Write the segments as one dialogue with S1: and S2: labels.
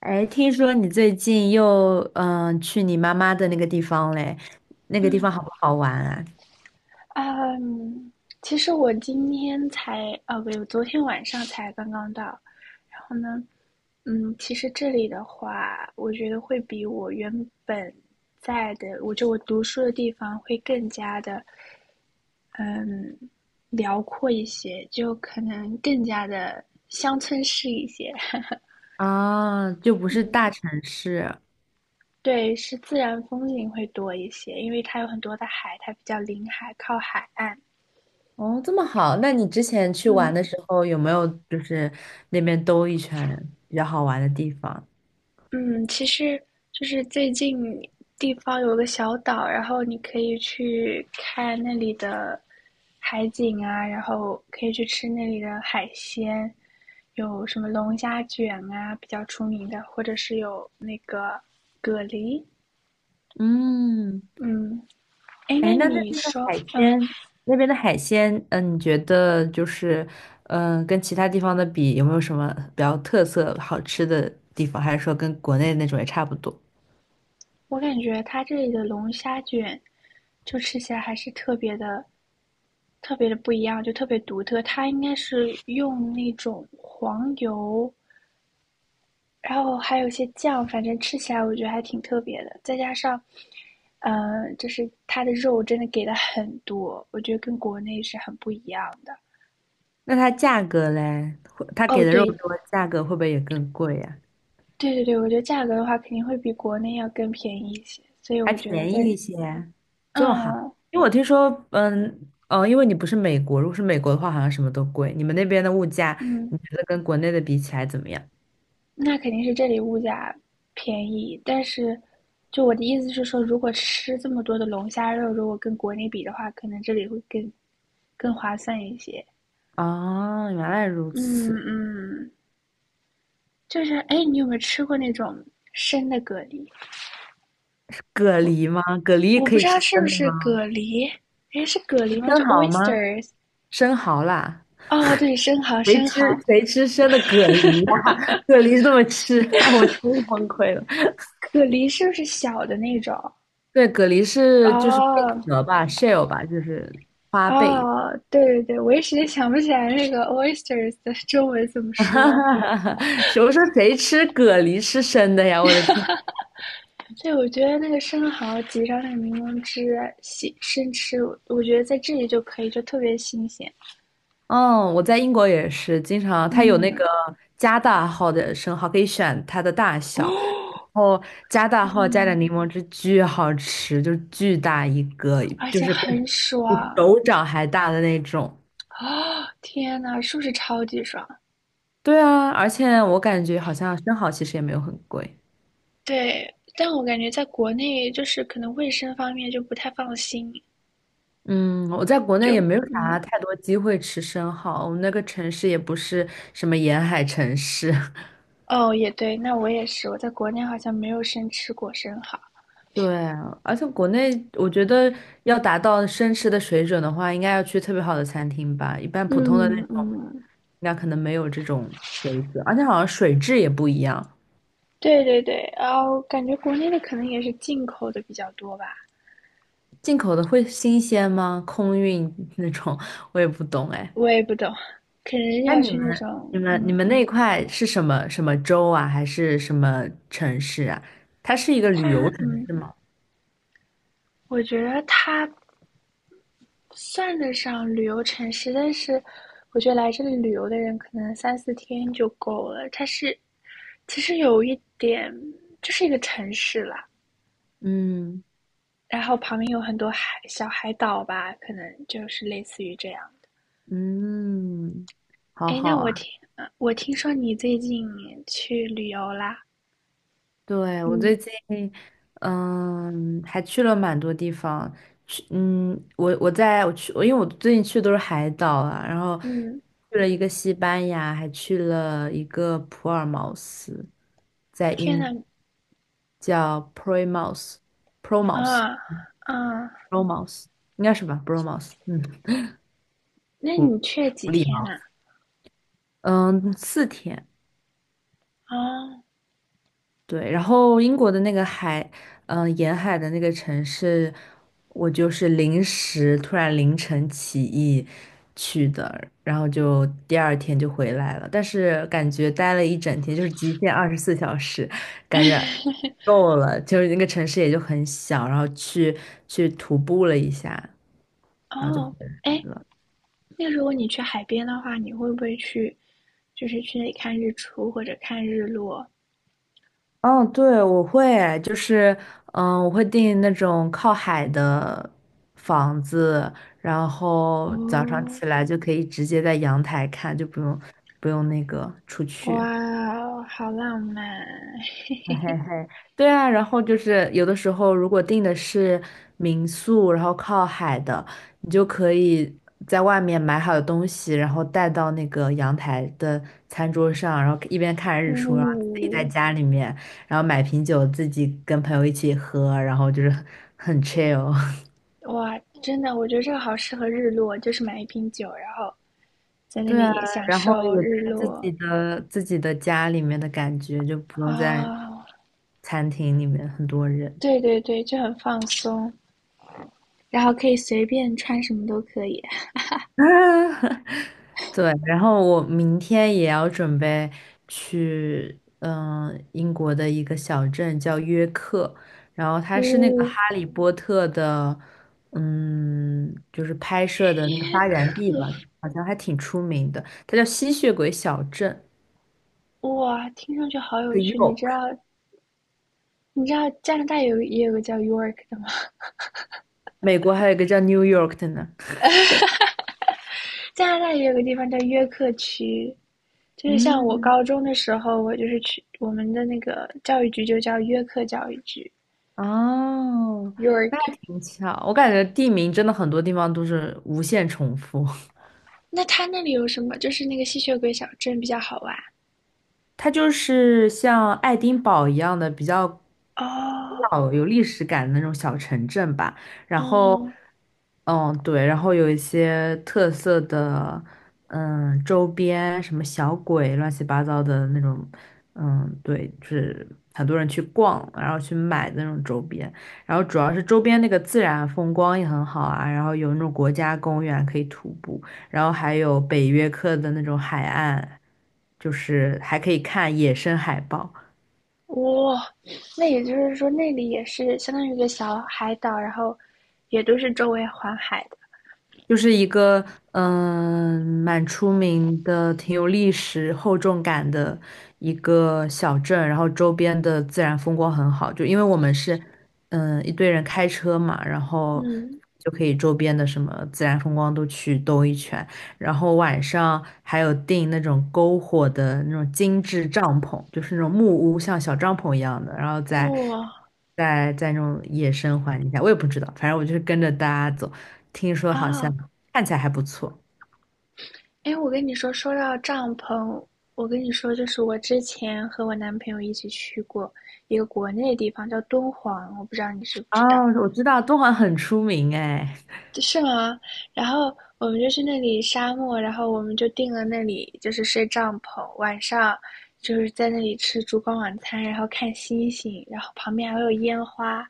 S1: 哎，听说你最近又去你妈妈的那个地方嘞，那个地方好不好玩啊？
S2: 嗯，其实我今天才，呃，不，我昨天晚上才刚刚到。然后呢，嗯，其实这里的话，我觉得会比我原本在的，我读书的地方会更加的辽阔一些，就可能更加的乡村式一些。
S1: 啊，就不是大城市
S2: 对，是自然风景会多一些，因为它有很多的海，它比较临海，靠海岸。
S1: 哦，这么好。那你之前去玩
S2: 嗯，
S1: 的时候有没有就是那边兜一圈比较好玩的地方？
S2: 嗯，其实就是最近地方有个小岛，然后你可以去看那里的海景啊，然后可以去吃那里的海鲜，有什么龙虾卷啊，比较出名的，或者是有那个蛤蜊。
S1: 嗯，
S2: 嗯，哎，
S1: 哎，
S2: 那
S1: 那那
S2: 你
S1: 边的
S2: 说，
S1: 海
S2: 嗯，
S1: 鲜，那边的海鲜，你觉得就是跟其他地方的比，有没有什么比较特色好吃的地方，还是说跟国内那种也差不多？
S2: 我感觉它这里的龙虾卷就吃起来还是特别的、特别的不一样，就特别独特。它应该是用那种黄油。然后还有一些酱，反正吃起来我觉得还挺特别的。再加上，就是它的肉真的给的很多，我觉得跟国内是很不一样的。
S1: 那它价格嘞，会它
S2: 哦，
S1: 给的肉多，
S2: 对，
S1: 价格会不会也更贵呀、
S2: 对对对，我觉得价格的话肯定会比国内要更便宜一些，所以
S1: 还
S2: 我觉得
S1: 便
S2: 在，
S1: 宜一些，这么好？
S2: 嗯
S1: 因为我听说，哦，因为你不是美国，如果是美国的话，好像什么都贵。你们那边的物价，
S2: 嗯，
S1: 你觉得跟国内的比起来怎么样？
S2: 那肯定是这里物价便宜，但是。就我的意思是说，如果吃这么多的龙虾肉，如果跟国内比的话，可能这里会更划算一些。
S1: 哦，原来如
S2: 嗯
S1: 此。
S2: 嗯，就是哎，你有没有吃过那种生的蛤蜊？
S1: 蛤
S2: 我
S1: 蜊吗？蛤蜊也
S2: 我
S1: 可
S2: 不
S1: 以
S2: 知道
S1: 吃
S2: 是不
S1: 生的
S2: 是
S1: 吗？
S2: 蛤蜊，哎，是蛤
S1: 是
S2: 蜊吗？就
S1: 生蚝吗？
S2: oysters。
S1: 生蚝啦，
S2: 哦，对，生蚝，
S1: 谁
S2: 生
S1: 吃
S2: 蚝，
S1: 谁吃生的蛤蜊呀、蛤蜊这么吃，我真是崩溃了。
S2: 蛤蜊是不是小的那种？
S1: 对，蛤蜊是就是贝
S2: 哦
S1: 壳吧，shell 吧，就是花贝。
S2: 哦，对对对，我一时间想不起来那个 oysters 的中文怎么说。
S1: 我说谁吃蛤蜊吃生的呀？我的天！
S2: 所以我觉得那个生蚝挤上那个柠檬汁，洗生吃，我觉得在这里就可以，就特别新鲜。
S1: 嗯，我在英国也是，经常它有那
S2: 嗯，
S1: 个加大号的生蚝，可以选它的大小，然
S2: 哦，
S1: 后加大号加点
S2: 嗯，
S1: 柠檬汁，巨好吃，就是巨大一个，
S2: 而
S1: 就
S2: 且
S1: 是跟
S2: 很
S1: 比手
S2: 爽。
S1: 掌还大的那种。
S2: 啊，天呐，是不是超级爽？
S1: 对啊，而且我感觉好像生蚝其实也没有很贵。
S2: 对，但我感觉在国内就是可能卫生方面就不太放心，
S1: 嗯，我在国
S2: 就
S1: 内也没有
S2: 嗯
S1: 啥太多机会吃生蚝，我们那个城市也不是什么沿海城市。
S2: 哦，也对，那我也是，我在国内好像没有生吃过生蚝。
S1: 对啊，而且国内我觉得要达到生吃的水准的话，应该要去特别好的餐厅吧，一般普通的那
S2: 嗯
S1: 种，
S2: 嗯，
S1: 那可能没有这种水准，而且好像水质也不一样，
S2: 对对对，然后感觉国内的可能也是进口的比较多吧，
S1: 进口的会新鲜吗？空运那种，我也不懂哎。
S2: 我也不懂，可能
S1: 那
S2: 要
S1: 你
S2: 去那
S1: 们、你
S2: 种
S1: 们、你
S2: 嗯，
S1: 们那一块是什么什么州啊，还是什么城市啊？它是一个
S2: 它
S1: 旅游城
S2: 嗯，
S1: 市吗？
S2: 我觉得它算得上旅游城市，但是我觉得来这里旅游的人可能三四天就够了。它是其实有一点，就是一个城市啦，
S1: 嗯
S2: 然后旁边有很多海小海岛吧，可能就是类似于这样的。
S1: 嗯，好
S2: 哎，
S1: 好
S2: 那我
S1: 啊。
S2: 听我听说你最近去旅游啦？
S1: 对，我
S2: 嗯
S1: 最近，还去了蛮多地方。去，我在我去，因为我最近去的都是海岛啊，然后
S2: 嗯，
S1: 去了一个西班牙，还去了一个普尔茅斯，在
S2: 天呐，
S1: 英叫 p o r t i m a o p o r t i m a
S2: 啊啊，
S1: Bromos 应该是吧，Bromos,
S2: 那你去了几天呐？
S1: 嗯，4天，
S2: 啊
S1: 对，然后英国的那个海，沿海的那个城市，我就是临时突然凌晨起意去的，然后就第二天就回来了，但是感觉待了一整天，就是极限24小时，感觉够了，就是那个城市也就很小，然后去徒步了一下，
S2: 哦，
S1: 然后就回
S2: 哦
S1: 来
S2: 哎，
S1: 了。
S2: 那如果你去海边的话，你会不会去，就是去那里看日出或者看日落？
S1: 嗯，对，我会，就是，我会订那种靠海的房子，然后早上
S2: 哦，
S1: 起来就可以直接在阳台看，就不用那个出
S2: 哇
S1: 去。
S2: 哦好浪漫！
S1: 嘿嘿嘿，对啊，然后就是有的时候，如果订的是民宿，然后靠海的，你就可以在外面买好的东西，然后带到那个阳台的餐桌上，然后一边看日出，然后自己在
S2: 呜、
S1: 家里面，然后买瓶酒，自己跟朋友一起喝，然后就是 很 chill。
S2: 哇，真的，我觉得这个好适合日落，就是买一瓶酒，然后在那
S1: 对啊，
S2: 里享
S1: 然后
S2: 受
S1: 也
S2: 日
S1: 在自
S2: 落
S1: 己的自己的家里面的感觉，就不用在
S2: 啊、
S1: 餐厅里面很多人。
S2: 对对对，就很放松，然后可以随便穿什么都可以。
S1: 对，然后我明天也要准备去，英国的一个小镇叫约克，然后它是那个
S2: 呜、
S1: 《哈利波特》的，就是拍摄的那个
S2: 约
S1: 发源地吧，
S2: 克，
S1: 好像还挺出名的，它叫吸血鬼小镇，
S2: 哇，听上去好
S1: 就
S2: 有
S1: 是
S2: 趣。你知道，
S1: York。
S2: 你知道加拿大有也有个叫 York 的吗？
S1: 美国还有一个叫 New York 的呢。
S2: 加拿大也有个地方叫约克区，就是像我
S1: 嗯，
S2: 高中的时候，我就是去我们的那个教育局就叫约克教育局（
S1: 哦，
S2: （York）。
S1: 那还挺巧，我感觉地名真的很多地方都是无限重复。
S2: 那它那里有什么？就是那个吸血鬼小镇比较好玩
S1: 它就是像爱丁堡一样的比较古
S2: 哦。
S1: 老、有历史感的那种小城镇吧。然后，
S2: 嗯，
S1: 对，然后有一些特色的，周边什么小鬼、乱七八糟的那种，对，就是很多人去逛，然后去买的那种周边。然后主要是周边那个自然风光也很好啊，然后有那种国家公园可以徒步。然后还有北约克的那种海岸，就是还可以看野生海豹。
S2: 哇，哦那也就是说那里也是相当于一个小海岛，然后也都是周围环海的。
S1: 就是一个蛮出名的、挺有历史厚重感的一个小镇，然后周边的自然风光很好。就因为我们是一堆人开车嘛，然后
S2: 嗯，
S1: 就可以周边的什么自然风光都去兜一圈，然后晚上还有订那种篝火的那种精致帐篷，就是那种木屋，像小帐篷一样的，然后
S2: 哇
S1: 在
S2: 哦
S1: 在在那种野生环境下，我也不知道，反正我就是跟着大家走。听说
S2: 啊，
S1: 好像
S2: 哦
S1: 看起来还不错。
S2: 哎，我跟你说，说到帐篷，我跟你说，就是我之前和我男朋友一起去过一个国内的地方，叫敦煌，我不知道你知不
S1: 哦，
S2: 知道，
S1: 我知道敦煌很出名哎。
S2: 是吗？然后我们就去那里沙漠，然后我们就定了那里，就是睡帐篷，晚上就是在那里吃烛光晚餐，然后看星星，然后旁边还会有烟花，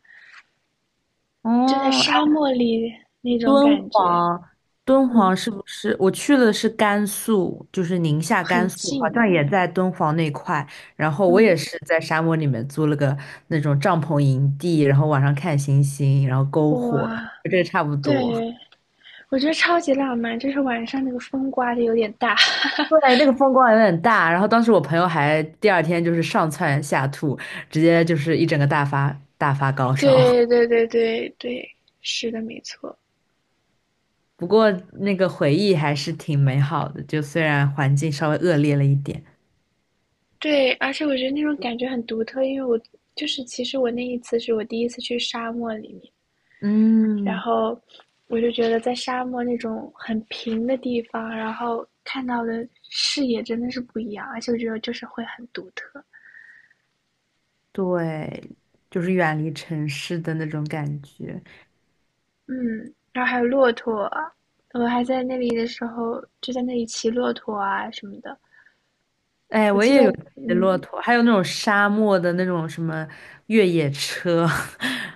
S1: 哦，
S2: 就在
S1: 哎
S2: 沙漠里那种
S1: 敦
S2: 感觉，
S1: 煌，敦
S2: 嗯，
S1: 煌是不是？我去的是甘肃，就是宁夏、
S2: 很
S1: 甘肃，好
S2: 近，
S1: 像也在敦煌那块。然后我
S2: 嗯，
S1: 也是在沙漠里面租了个那种帐篷营地，然后晚上看星星，然后篝火，
S2: 哇，
S1: 就这差不多。
S2: 对。我觉得超级浪漫，就是晚上那个风刮的有点大。
S1: 对，那个风光有点大。然后当时我朋友还第二天就是上蹿下吐，直接就是一整个大发大发高烧。
S2: 对对对对对，是的，没错。
S1: 不过那个回忆还是挺美好的，就虽然环境稍微恶劣了一点，
S2: 对，而且我觉得那种感觉很独特，因为我就是其实我那一次是我第一次去沙漠里面，然
S1: 嗯，
S2: 后我就觉得在沙漠那种很平的地方，然后看到的视野真的是不一样，而且我觉得就是会很独特。
S1: 对，就是远离城市的那种感觉。
S2: 嗯，然后还有骆驼，我还在那里的时候就在那里骑骆驼啊什么的。
S1: 哎，
S2: 我
S1: 我
S2: 记得，
S1: 也有骑骆
S2: 嗯，
S1: 驼，还有那种沙漠的那种什么越野车，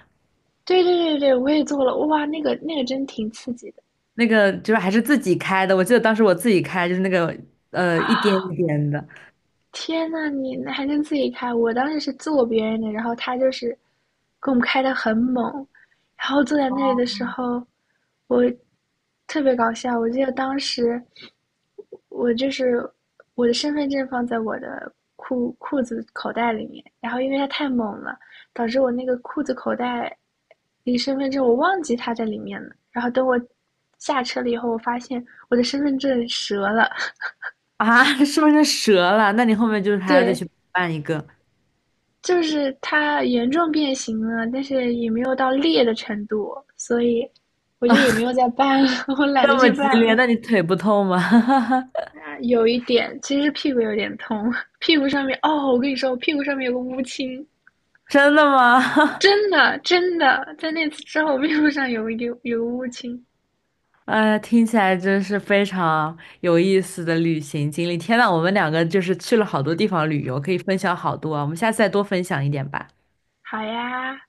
S2: 对对对对，我也做了，哇，那个真挺刺激的！
S1: 那个就是还是自己开的。我记得当时我自己开，就是那个一颠一颠的
S2: 天呐，你那还能自己开？我当时是坐别人的，然后他就是给我们开的很猛，然后坐在那里的时候特别搞笑。我记得当时我就是我的身份证放在我的裤子口袋里面，然后因为它太猛了，导致我那个裤子口袋离身份证我忘记它在里面了。然后等我下车了以后，我发现我的身份证折了，
S1: 啊，是不是折了？那你后面就是 还要再
S2: 对。
S1: 去办一个，
S2: 就是它严重变形了，但是也没有到裂的程度，所以我就也没有再办了，我懒得
S1: 这么
S2: 去
S1: 激
S2: 办
S1: 烈，
S2: 了。
S1: 那你腿不痛吗？
S2: 啊有一点，其实屁股有点痛，屁股上面哦，我跟你说，我屁股上面有个乌青，
S1: 真的吗？
S2: 真的真的，在那次之后，屁股上有个乌青。
S1: 听起来真是非常有意思的旅行经历。天呐，我们两个就是去了好多地方旅游，可以分享好多啊。我们下次再多分享一点吧。
S2: 好呀，